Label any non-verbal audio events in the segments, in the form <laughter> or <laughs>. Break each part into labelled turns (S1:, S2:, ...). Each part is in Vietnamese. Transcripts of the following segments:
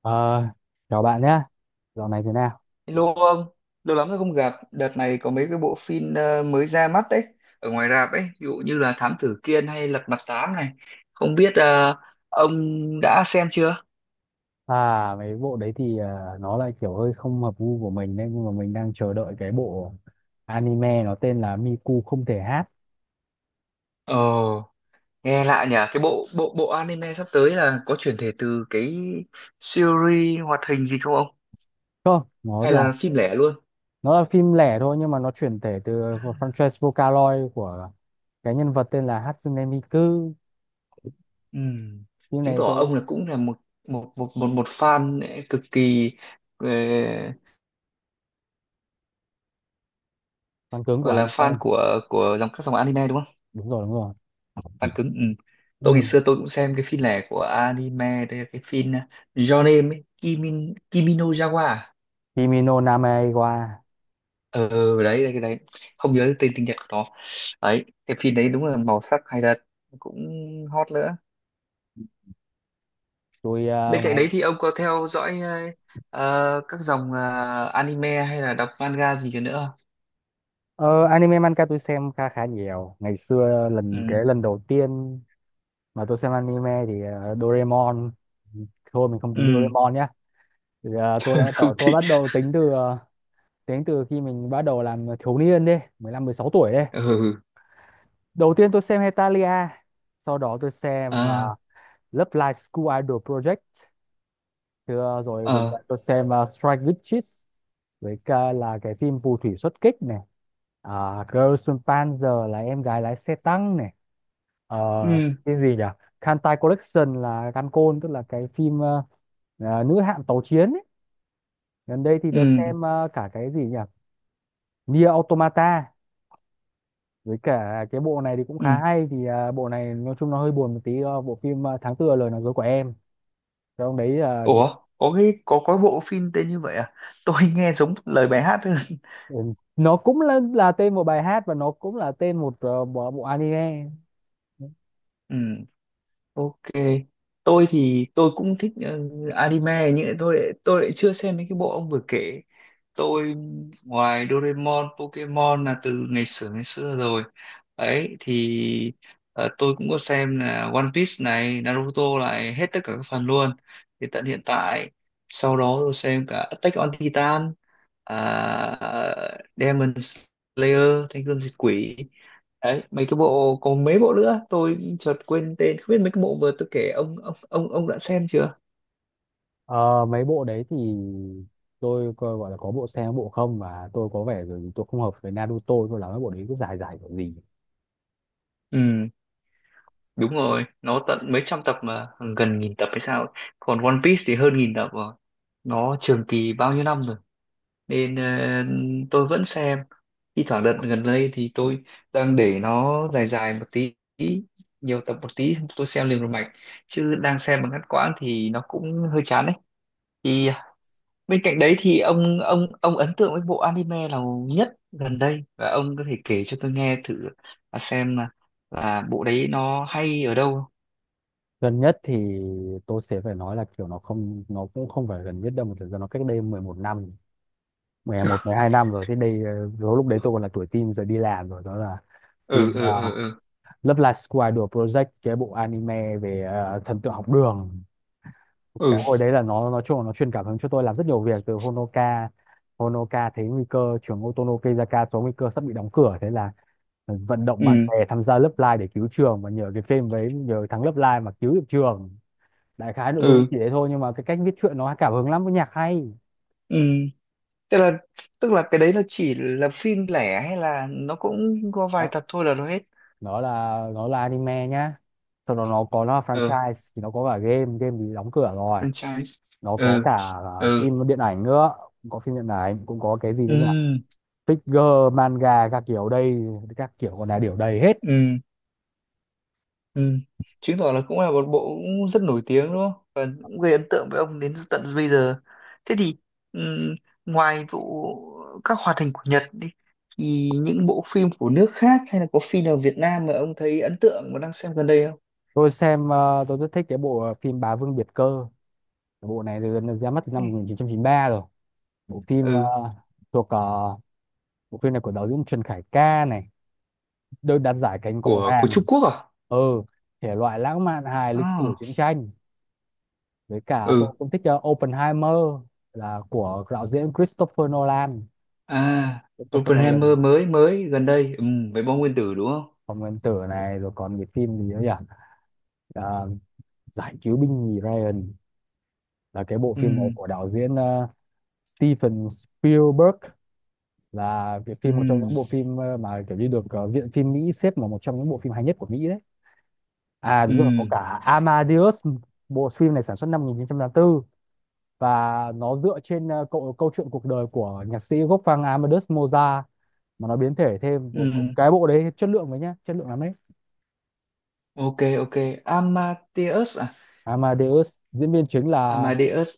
S1: Ờ, Chào bạn nhé. Dạo này thế nào?
S2: Hello ông, lâu lắm rồi không gặp. Đợt này có mấy cái bộ phim mới ra mắt đấy, ở ngoài rạp ấy, ví dụ như là Thám Tử Kiên hay Lật Mặt Tám này. Không biết ông đã xem chưa?
S1: À, mấy bộ đấy thì nó lại kiểu hơi không hợp gu của mình đấy, nhưng mà mình đang chờ đợi cái bộ anime nó tên là Miku không thể hát.
S2: Ồ, nghe lạ nhỉ. Cái bộ bộ bộ anime sắp tới là có chuyển thể từ cái series hoạt hình gì không ông?
S1: Không, nó
S2: Hay
S1: là
S2: là phim lẻ luôn?
S1: nó là phim lẻ thôi nhưng mà nó chuyển thể từ franchise Vocaloid của cái nhân vật tên là Hatsune Miku.
S2: Ừm.
S1: Phim
S2: Chứng
S1: này
S2: tỏ
S1: tôi
S2: ông là cũng là một một một một, một fan cực kỳ ờ,
S1: fan cứng của
S2: gọi là
S1: anime.
S2: fan của các dòng anime đúng không?
S1: Đúng rồi, đúng rồi.
S2: Fan cứng, ừ. Tôi
S1: Ừ.
S2: ngày xưa tôi cũng xem cái phim này của anime, đây là cái phim Your Name ấy, Kimi no Yawa à?
S1: Kimi no Name wa.
S2: ờ đấy, cái đấy không nhớ tên tiếng Nhật của nó, đấy cái phim đấy đúng là màu sắc hay thật, cũng hot nữa.
S1: Tôi
S2: Bên cạnh đấy thì ông có theo dõi các dòng anime hay là đọc manga gì cả nữa không?
S1: ờ, anime manga tôi xem khá khá nhiều. Ngày xưa lần
S2: Ừ,
S1: cái lần đầu tiên mà tôi xem anime thì Doraemon, thôi mình không tính
S2: ừ.
S1: Doraemon nhá, thì, tôi đã bắt
S2: <laughs> Không
S1: đầu, tôi
S2: thích.
S1: bắt đầu tính từ tính từ khi mình bắt đầu làm thiếu niên đi, 15 16 tuổi đi.
S2: Ừ, ừ.
S1: Đầu tiên tôi xem Hetalia, sau đó tôi xem
S2: À.
S1: Love Live School Idol Project, thì, ờ, rồi gần
S2: Ờ.
S1: đây tôi xem Strike Witches với cả là cái phim phù thủy xuất kích này, Girls with Panzer là em gái lái xe tăng này. Ờ,
S2: ừ,
S1: cái gì nhỉ, Kantai Collection là Gankon tức là cái phim nữ hạm tàu chiến ấy. Gần đây thì tớ
S2: ừ,
S1: xem cả cái gì nhỉ, Nier Automata, với cả cái bộ này thì cũng khá
S2: ừ.
S1: hay thì bộ này nói chung nó hơi buồn một tí, bộ phim Tháng tư là lời nói dối của em, trong đấy
S2: Ủa, có cái có bộ phim tên như vậy à? Tôi <laughs> nghe giống lời bài hát thôi. <laughs>
S1: ừ, nó cũng là tên một bài hát và nó cũng là tên một bộ anime.
S2: Ừ, ok. Tôi thì tôi cũng thích anime, nhưng lại tôi lại chưa xem mấy cái bộ ông vừa kể. Tôi ngoài Doraemon, Pokemon là từ ngày xưa rồi. Ấy thì tôi cũng có xem là One Piece này, Naruto này, hết tất cả các phần luôn. Thì tận hiện tại sau đó tôi xem cả Attack on Titan, à, Demon Slayer Thanh Gươm Diệt Quỷ, đấy mấy cái bộ, còn mấy bộ nữa tôi chợt quên tên. Không biết mấy cái bộ vừa tôi kể ông đã xem chưa?
S1: Ờ, mấy bộ đấy thì tôi coi gọi là có bộ xem có bộ không, và tôi có vẻ rồi, tôi không hợp với Naruto tôi lắm, mấy bộ đấy cứ dài dài kiểu gì.
S2: Ừ, đúng rồi, nó tận mấy trăm tập mà, gần nghìn tập hay sao ấy. Còn One Piece thì hơn nghìn tập rồi, nó trường kỳ bao nhiêu năm rồi, nên tôi vẫn xem thi thoảng. Đợt gần đây thì tôi đang để nó dài dài một tí, nhiều tập một tí tôi xem liền một mạch, chứ đang xem mà ngắt quãng thì nó cũng hơi chán. Thì bên cạnh đấy thì ông ấn tượng với bộ anime nào nhất gần đây, và ông có thể kể cho tôi nghe thử là xem là, là bộ đấy nó hay ở đâu không?
S1: Gần nhất thì tôi sẽ phải nói là kiểu nó không, nó cũng không phải gần nhất đâu, mà thực ra nó cách đây 11 năm, 11 12 năm rồi thế đây. Ờ, lúc lúc đấy tôi còn là tuổi teen, giờ đi làm rồi, đó là phim
S2: Ừ, ừ, ừ, ừ,
S1: Love Live Square Idol Project, cái bộ anime về thần tượng học đường. Cái
S2: ừ,
S1: hồi đấy là nó nói chung là nó truyền cảm hứng cho tôi làm rất nhiều việc. Từ Honoka, Honoka thấy nguy cơ trường Otonokezaka có nguy cơ sắp bị đóng cửa, thế là vận động bạn
S2: ừ,
S1: bè tham gia Love Live để cứu trường, và nhờ cái phim, với nhờ thằng Love Live mà cứu được trường. Đại khái nội dung
S2: ừ,
S1: chỉ thế thôi, nhưng mà cái cách viết truyện nó cảm hứng lắm, với nhạc hay
S2: ừ. Tức là tức là cái đấy nó chỉ là phim lẻ hay là nó cũng có vài
S1: đó.
S2: tập thôi là nó hết?
S1: Nó là anime nhá, sau đó nó có, nó là
S2: Ừ.
S1: franchise thì nó có cả game, game thì đóng cửa rồi,
S2: Franchise.
S1: nó có
S2: Ừ,
S1: cả
S2: ừ,
S1: phim điện ảnh nữa, cũng có phim điện ảnh, cũng có cái gì đấy nhỉ,
S2: ừ,
S1: figure manga các kiểu đây, các kiểu còn là điều đầy hết.
S2: ừ. Ừ. Chứng tỏ là cũng là một bộ cũng rất nổi tiếng đúng không? Và cũng gây ấn tượng với ông đến tận bây giờ. Thế thì ừm, ngoài vụ các hoạt hình của Nhật đi, thì những bộ phim của nước khác hay là có phim nào Việt Nam mà ông thấy ấn tượng và đang xem gần đây không?
S1: Tôi xem tôi rất thích cái bộ phim Bá Vương Biệt Cơ. Cái bộ này từ ra mắt từ năm 1993 rồi, bộ phim
S2: Ừ,
S1: thuộc ờ, bộ phim này của đạo diễn Trần Khải Ca này, được đạt giải cánh cọ
S2: của
S1: vàng.
S2: Trung Quốc à?
S1: Ừ, thể loại lãng mạn hài lịch sử
S2: À,
S1: chiến tranh. Với cả tôi
S2: ừ.
S1: cũng thích Oppenheimer, là của đạo diễn Christopher Nolan
S2: À,
S1: Christopher
S2: Oppenheimer
S1: Nolan
S2: mới mới gần đây, ừ, với bom nguyên tử đúng không?
S1: Phòng nguyên tử này, rồi còn cái phim gì nữa nhỉ. À, giải cứu binh nhì Ryan, là cái bộ phim này
S2: Ừ,
S1: của đạo diễn Steven Spielberg, là cái phim, một trong
S2: ừ,
S1: những bộ phim mà kiểu như được viện phim Mỹ xếp vào một trong những bộ phim hay nhất của Mỹ đấy. À đúng rồi, có
S2: ừ,
S1: cả Amadeus, bộ phim này sản xuất năm 1984, và nó dựa trên câu chuyện cuộc đời của nhạc sĩ Wolfgang Amadeus Mozart, mà nó biến thể thêm.
S2: ừ.
S1: Cái bộ đấy chất lượng đấy nhá, chất lượng lắm đấy.
S2: Ok, ok, Amadeus à?
S1: Amadeus, diễn viên chính là
S2: Amadeus,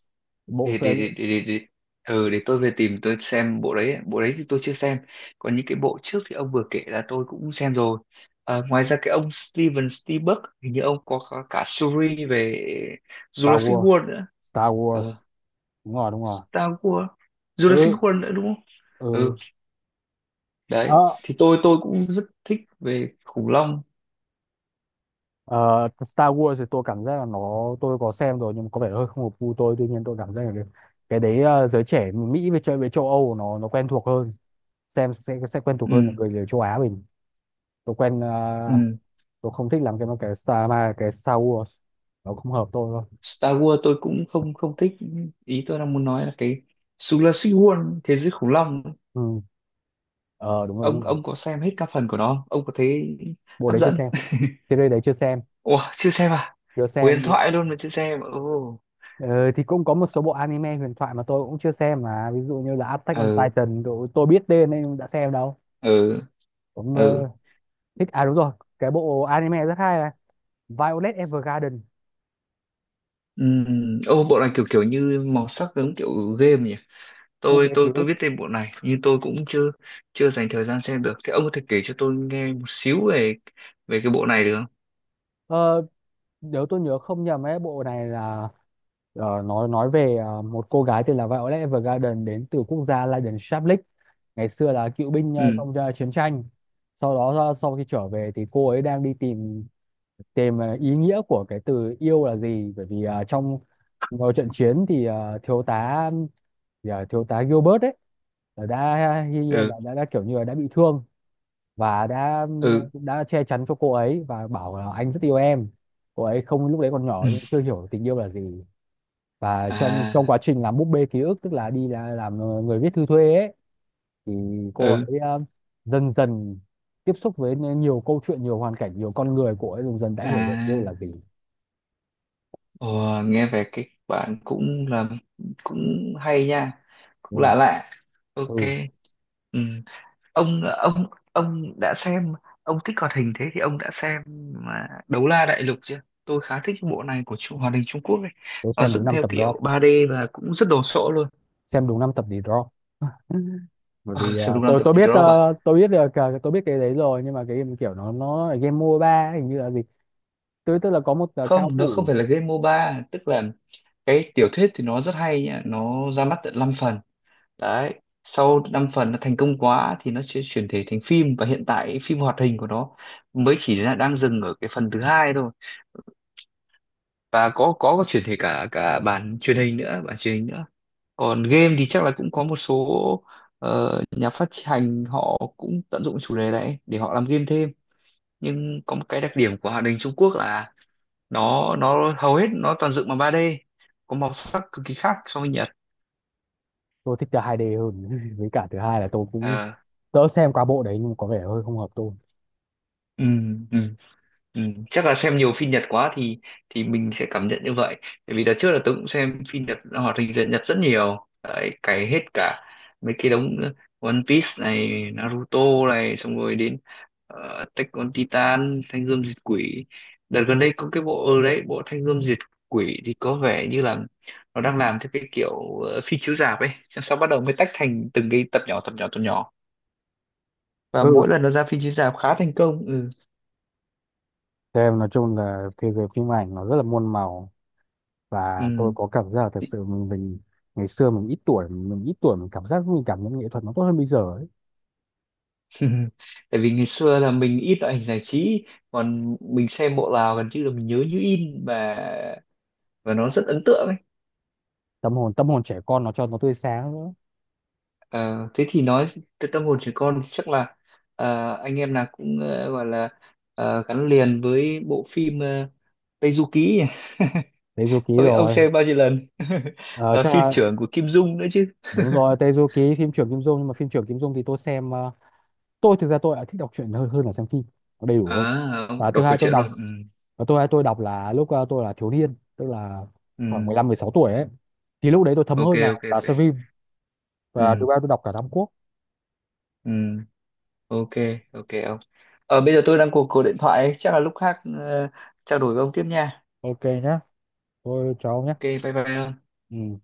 S1: bộ
S2: để
S1: phim.
S2: để để để để, để. Ừ, để tôi về tìm tôi xem bộ đấy. Bộ đấy thì tôi chưa xem, còn những cái bộ trước thì ông vừa kể là tôi cũng xem rồi. À, ngoài ra cái ông Steven Spielberg hình như ông có cả series về
S1: Star
S2: Jurassic
S1: Wars,
S2: World nữa.
S1: Star
S2: Ờ,
S1: Wars, đúng rồi, đúng rồi.
S2: Star Wars.
S1: Ừ.
S2: Jurassic World nữa đúng không?
S1: Ừ.
S2: Ừ, đấy
S1: Ờ,
S2: thì tôi cũng rất thích về khủng long.
S1: ờ, Star Wars thì tôi cảm giác là nó, tôi có xem rồi nhưng mà có vẻ hơi không hợp gu tôi. Tuy nhiên tôi cảm giác là cái đấy giới trẻ Mỹ với chơi với châu Âu nó quen thuộc hơn, xem sẽ quen thuộc hơn là
S2: Ừ,
S1: người, người châu Á mình. Tôi quen
S2: ừ.
S1: tôi không thích làm cái mà cái Star Wars, nó không hợp tôi thôi.
S2: Star Wars tôi cũng không không thích. Ý tôi đang muốn nói là cái Jurassic World, thế giới khủng long,
S1: Ừ. Ờ đúng rồi,
S2: ông
S1: đúng rồi,
S2: ông có xem hết các phần của nó không, ông có thấy
S1: bộ
S2: hấp
S1: đấy chưa
S2: dẫn?
S1: xem, series đấy chưa xem,
S2: Ủa, chưa xem à?
S1: chưa xem.
S2: Huyền thoại luôn mà chưa xem. Ồ.
S1: Ờ, thì cũng có một số bộ anime huyền thoại mà tôi cũng chưa xem mà, ví dụ như là Attack on
S2: Ừ,
S1: Titan, tôi biết tên nên đã xem đâu,
S2: ừ,
S1: cũng
S2: ừ.
S1: thích. À đúng rồi, cái bộ anime rất hay là Violet Evergarden,
S2: Ô bộ này kiểu kiểu như màu sắc giống kiểu game nhỉ.
S1: bộ
S2: tôi
S1: bé ký
S2: tôi tôi biết
S1: ức.
S2: tên bộ này nhưng tôi cũng chưa chưa dành thời gian xem được. Thế ông có thể kể cho tôi nghe một xíu về về cái bộ này được không?
S1: ờ, Nếu tôi nhớ không nhầm ấy, bộ này là, ờ, nói về một cô gái tên là Violet Evergarden đến từ quốc gia Lydon Shablik, ngày xưa là cựu binh
S2: Ừ,
S1: trong chiến tranh. Sau đó sau khi trở về thì cô ấy đang đi tìm, tìm ý nghĩa của cái từ yêu là gì, bởi vì trong một trận chiến thì thiếu tá Gilbert ấy là đã,
S2: ừ,
S1: đã kiểu như là đã bị thương, và đã
S2: ừ,
S1: đã che chắn cho cô ấy và bảo là anh rất yêu em. Cô ấy không, lúc đấy còn
S2: ừ.
S1: nhỏ nhưng chưa hiểu tình yêu là gì. Và trong trong
S2: À.
S1: quá trình làm búp bê ký ức, tức là làm người viết thư thuê ấy, thì cô
S2: Ừ.
S1: ấy dần dần tiếp xúc với nhiều câu chuyện, nhiều hoàn cảnh, nhiều con người, cô ấy dần dần đã hiểu được yêu
S2: À.
S1: là gì.
S2: Ồ, nghe về cái bạn cũng là cũng hay nha,
S1: Ừ,
S2: cũng lạ lạ. Ok.
S1: ừ.
S2: Ừ. ông ông ông đã xem, ông thích hoạt hình, thế thì ông đã xem mà Đấu La Đại Lục chưa? Tôi khá thích cái bộ này của hoạt hình Trung Quốc ấy,
S1: Tôi
S2: nó
S1: xem đúng
S2: dựng
S1: năm
S2: theo
S1: tập drop,
S2: kiểu ba d và cũng rất đồ sộ luôn.
S1: xem đúng năm tập thì drop. Bởi
S2: Ờ,
S1: vì
S2: sao
S1: ờ,
S2: đúng năm
S1: tôi
S2: tập
S1: tôi
S2: thì
S1: biết,
S2: drop à?
S1: tôi biết được, tôi biết cái đấy rồi, nhưng mà cái game kiểu nó là game MOBA ấy, hình như là gì. Tôi tức là có một cao
S2: Không, nó không
S1: thủ.
S2: phải là game MOBA. Tức là cái tiểu thuyết thì nó rất hay nhá, nó ra mắt tận 5 phần. Đấy, sau 5 phần nó thành công quá thì nó sẽ chuyển thể thành phim, và hiện tại phim hoạt hình của nó mới chỉ là đang dừng ở cái phần thứ hai thôi. Và có chuyển thể cả cả bản truyền hình nữa, bản truyền hình nữa. Còn game thì chắc là cũng có một số nhà phát hành họ cũng tận dụng chủ đề này để họ làm game thêm. Nhưng có một cái đặc điểm của hoạt hình Trung Quốc là nó hầu hết nó toàn dựng bằng ba d, có màu sắc cực kỳ khác so với Nhật.
S1: Tôi thích chơi hai d hơn <laughs> với cả thứ hai là tôi cũng
S2: Ờ,
S1: đỡ xem qua bộ đấy, nhưng có vẻ hơi không hợp tôi.
S2: ừ, ừ. Ừ, chắc là xem nhiều phim Nhật quá thì mình sẽ cảm nhận như vậy. Bởi vì đợt trước là tôi cũng xem phim Nhật, hoạt hình Nhật Nhật rất nhiều. Đấy, cày hết cả mấy cái đống One Piece này, Naruto này, xong rồi đến Attack on Titan, Thanh Gươm Diệt Quỷ. Đợt gần đây có cái bộ ở đấy, bộ Thanh Gươm Diệt Quỷ thì có vẻ như là nó đang làm theo cái kiểu phim chiếu rạp ấy. Xong sau bắt đầu mới tách thành từng cái tập nhỏ, tập nhỏ, tập nhỏ. Và
S1: Ừ.
S2: mỗi lần nó ra phim chiếu rạp khá thành công. Ừ.
S1: Cho em, nói chung là thế giới phim ảnh nó rất là muôn màu, và tôi
S2: Ừ.
S1: có cảm giác là thật sự mình ngày xưa mình ít tuổi, mình cảm giác, mình cảm nhận nghệ thuật nó tốt hơn bây giờ ấy.
S2: <laughs> Tại vì ngày xưa là mình ít loại hình giải trí, còn mình xem bộ nào gần như là mình nhớ như in, và nó rất ấn tượng ấy.
S1: Tâm hồn trẻ con nó cho nó tươi sáng nữa.
S2: Ờ, thế thì nói từ tâm hồn trẻ con thì chắc là anh em nào cũng gọi là gắn liền với bộ phim Tây Du Ký nhỉ? <laughs>
S1: Tezuki
S2: Không biết ông
S1: rồi.
S2: xem bao nhiêu lần <laughs>
S1: Ờ,
S2: là
S1: cho,
S2: phim trưởng của Kim Dung nữa chứ.
S1: đúng rồi, Tezuki phim trưởng Kim Dung, nhưng mà phim trưởng Kim Dung thì tôi xem tôi thực ra tôi lại thích đọc truyện hơn, là xem phim, nó đầy đủ hơn.
S2: À,
S1: Và
S2: ông
S1: thứ
S2: đọc câu
S1: hai tôi
S2: chuyện
S1: đọc,
S2: luôn, ừ.
S1: và tôi đọc là lúc tôi là thiếu niên, tức là khoảng mười
S2: Ừ.
S1: lăm mười sáu tuổi ấy, thì lúc đấy tôi thấm
S2: Ok,
S1: hơn là
S2: ok, ok.
S1: xem phim. Và thứ
S2: Ừ.
S1: ba tôi đọc cả Tam Quốc.
S2: Ừ. Ok, ok ông, bây giờ tôi đang cuộc cuộc điện thoại ấy. Chắc là lúc khác trao đổi với ông tiếp nha.
S1: Ok nhá. Thôi chào ông nhé.
S2: Ok bye bye ông.
S1: Ừ.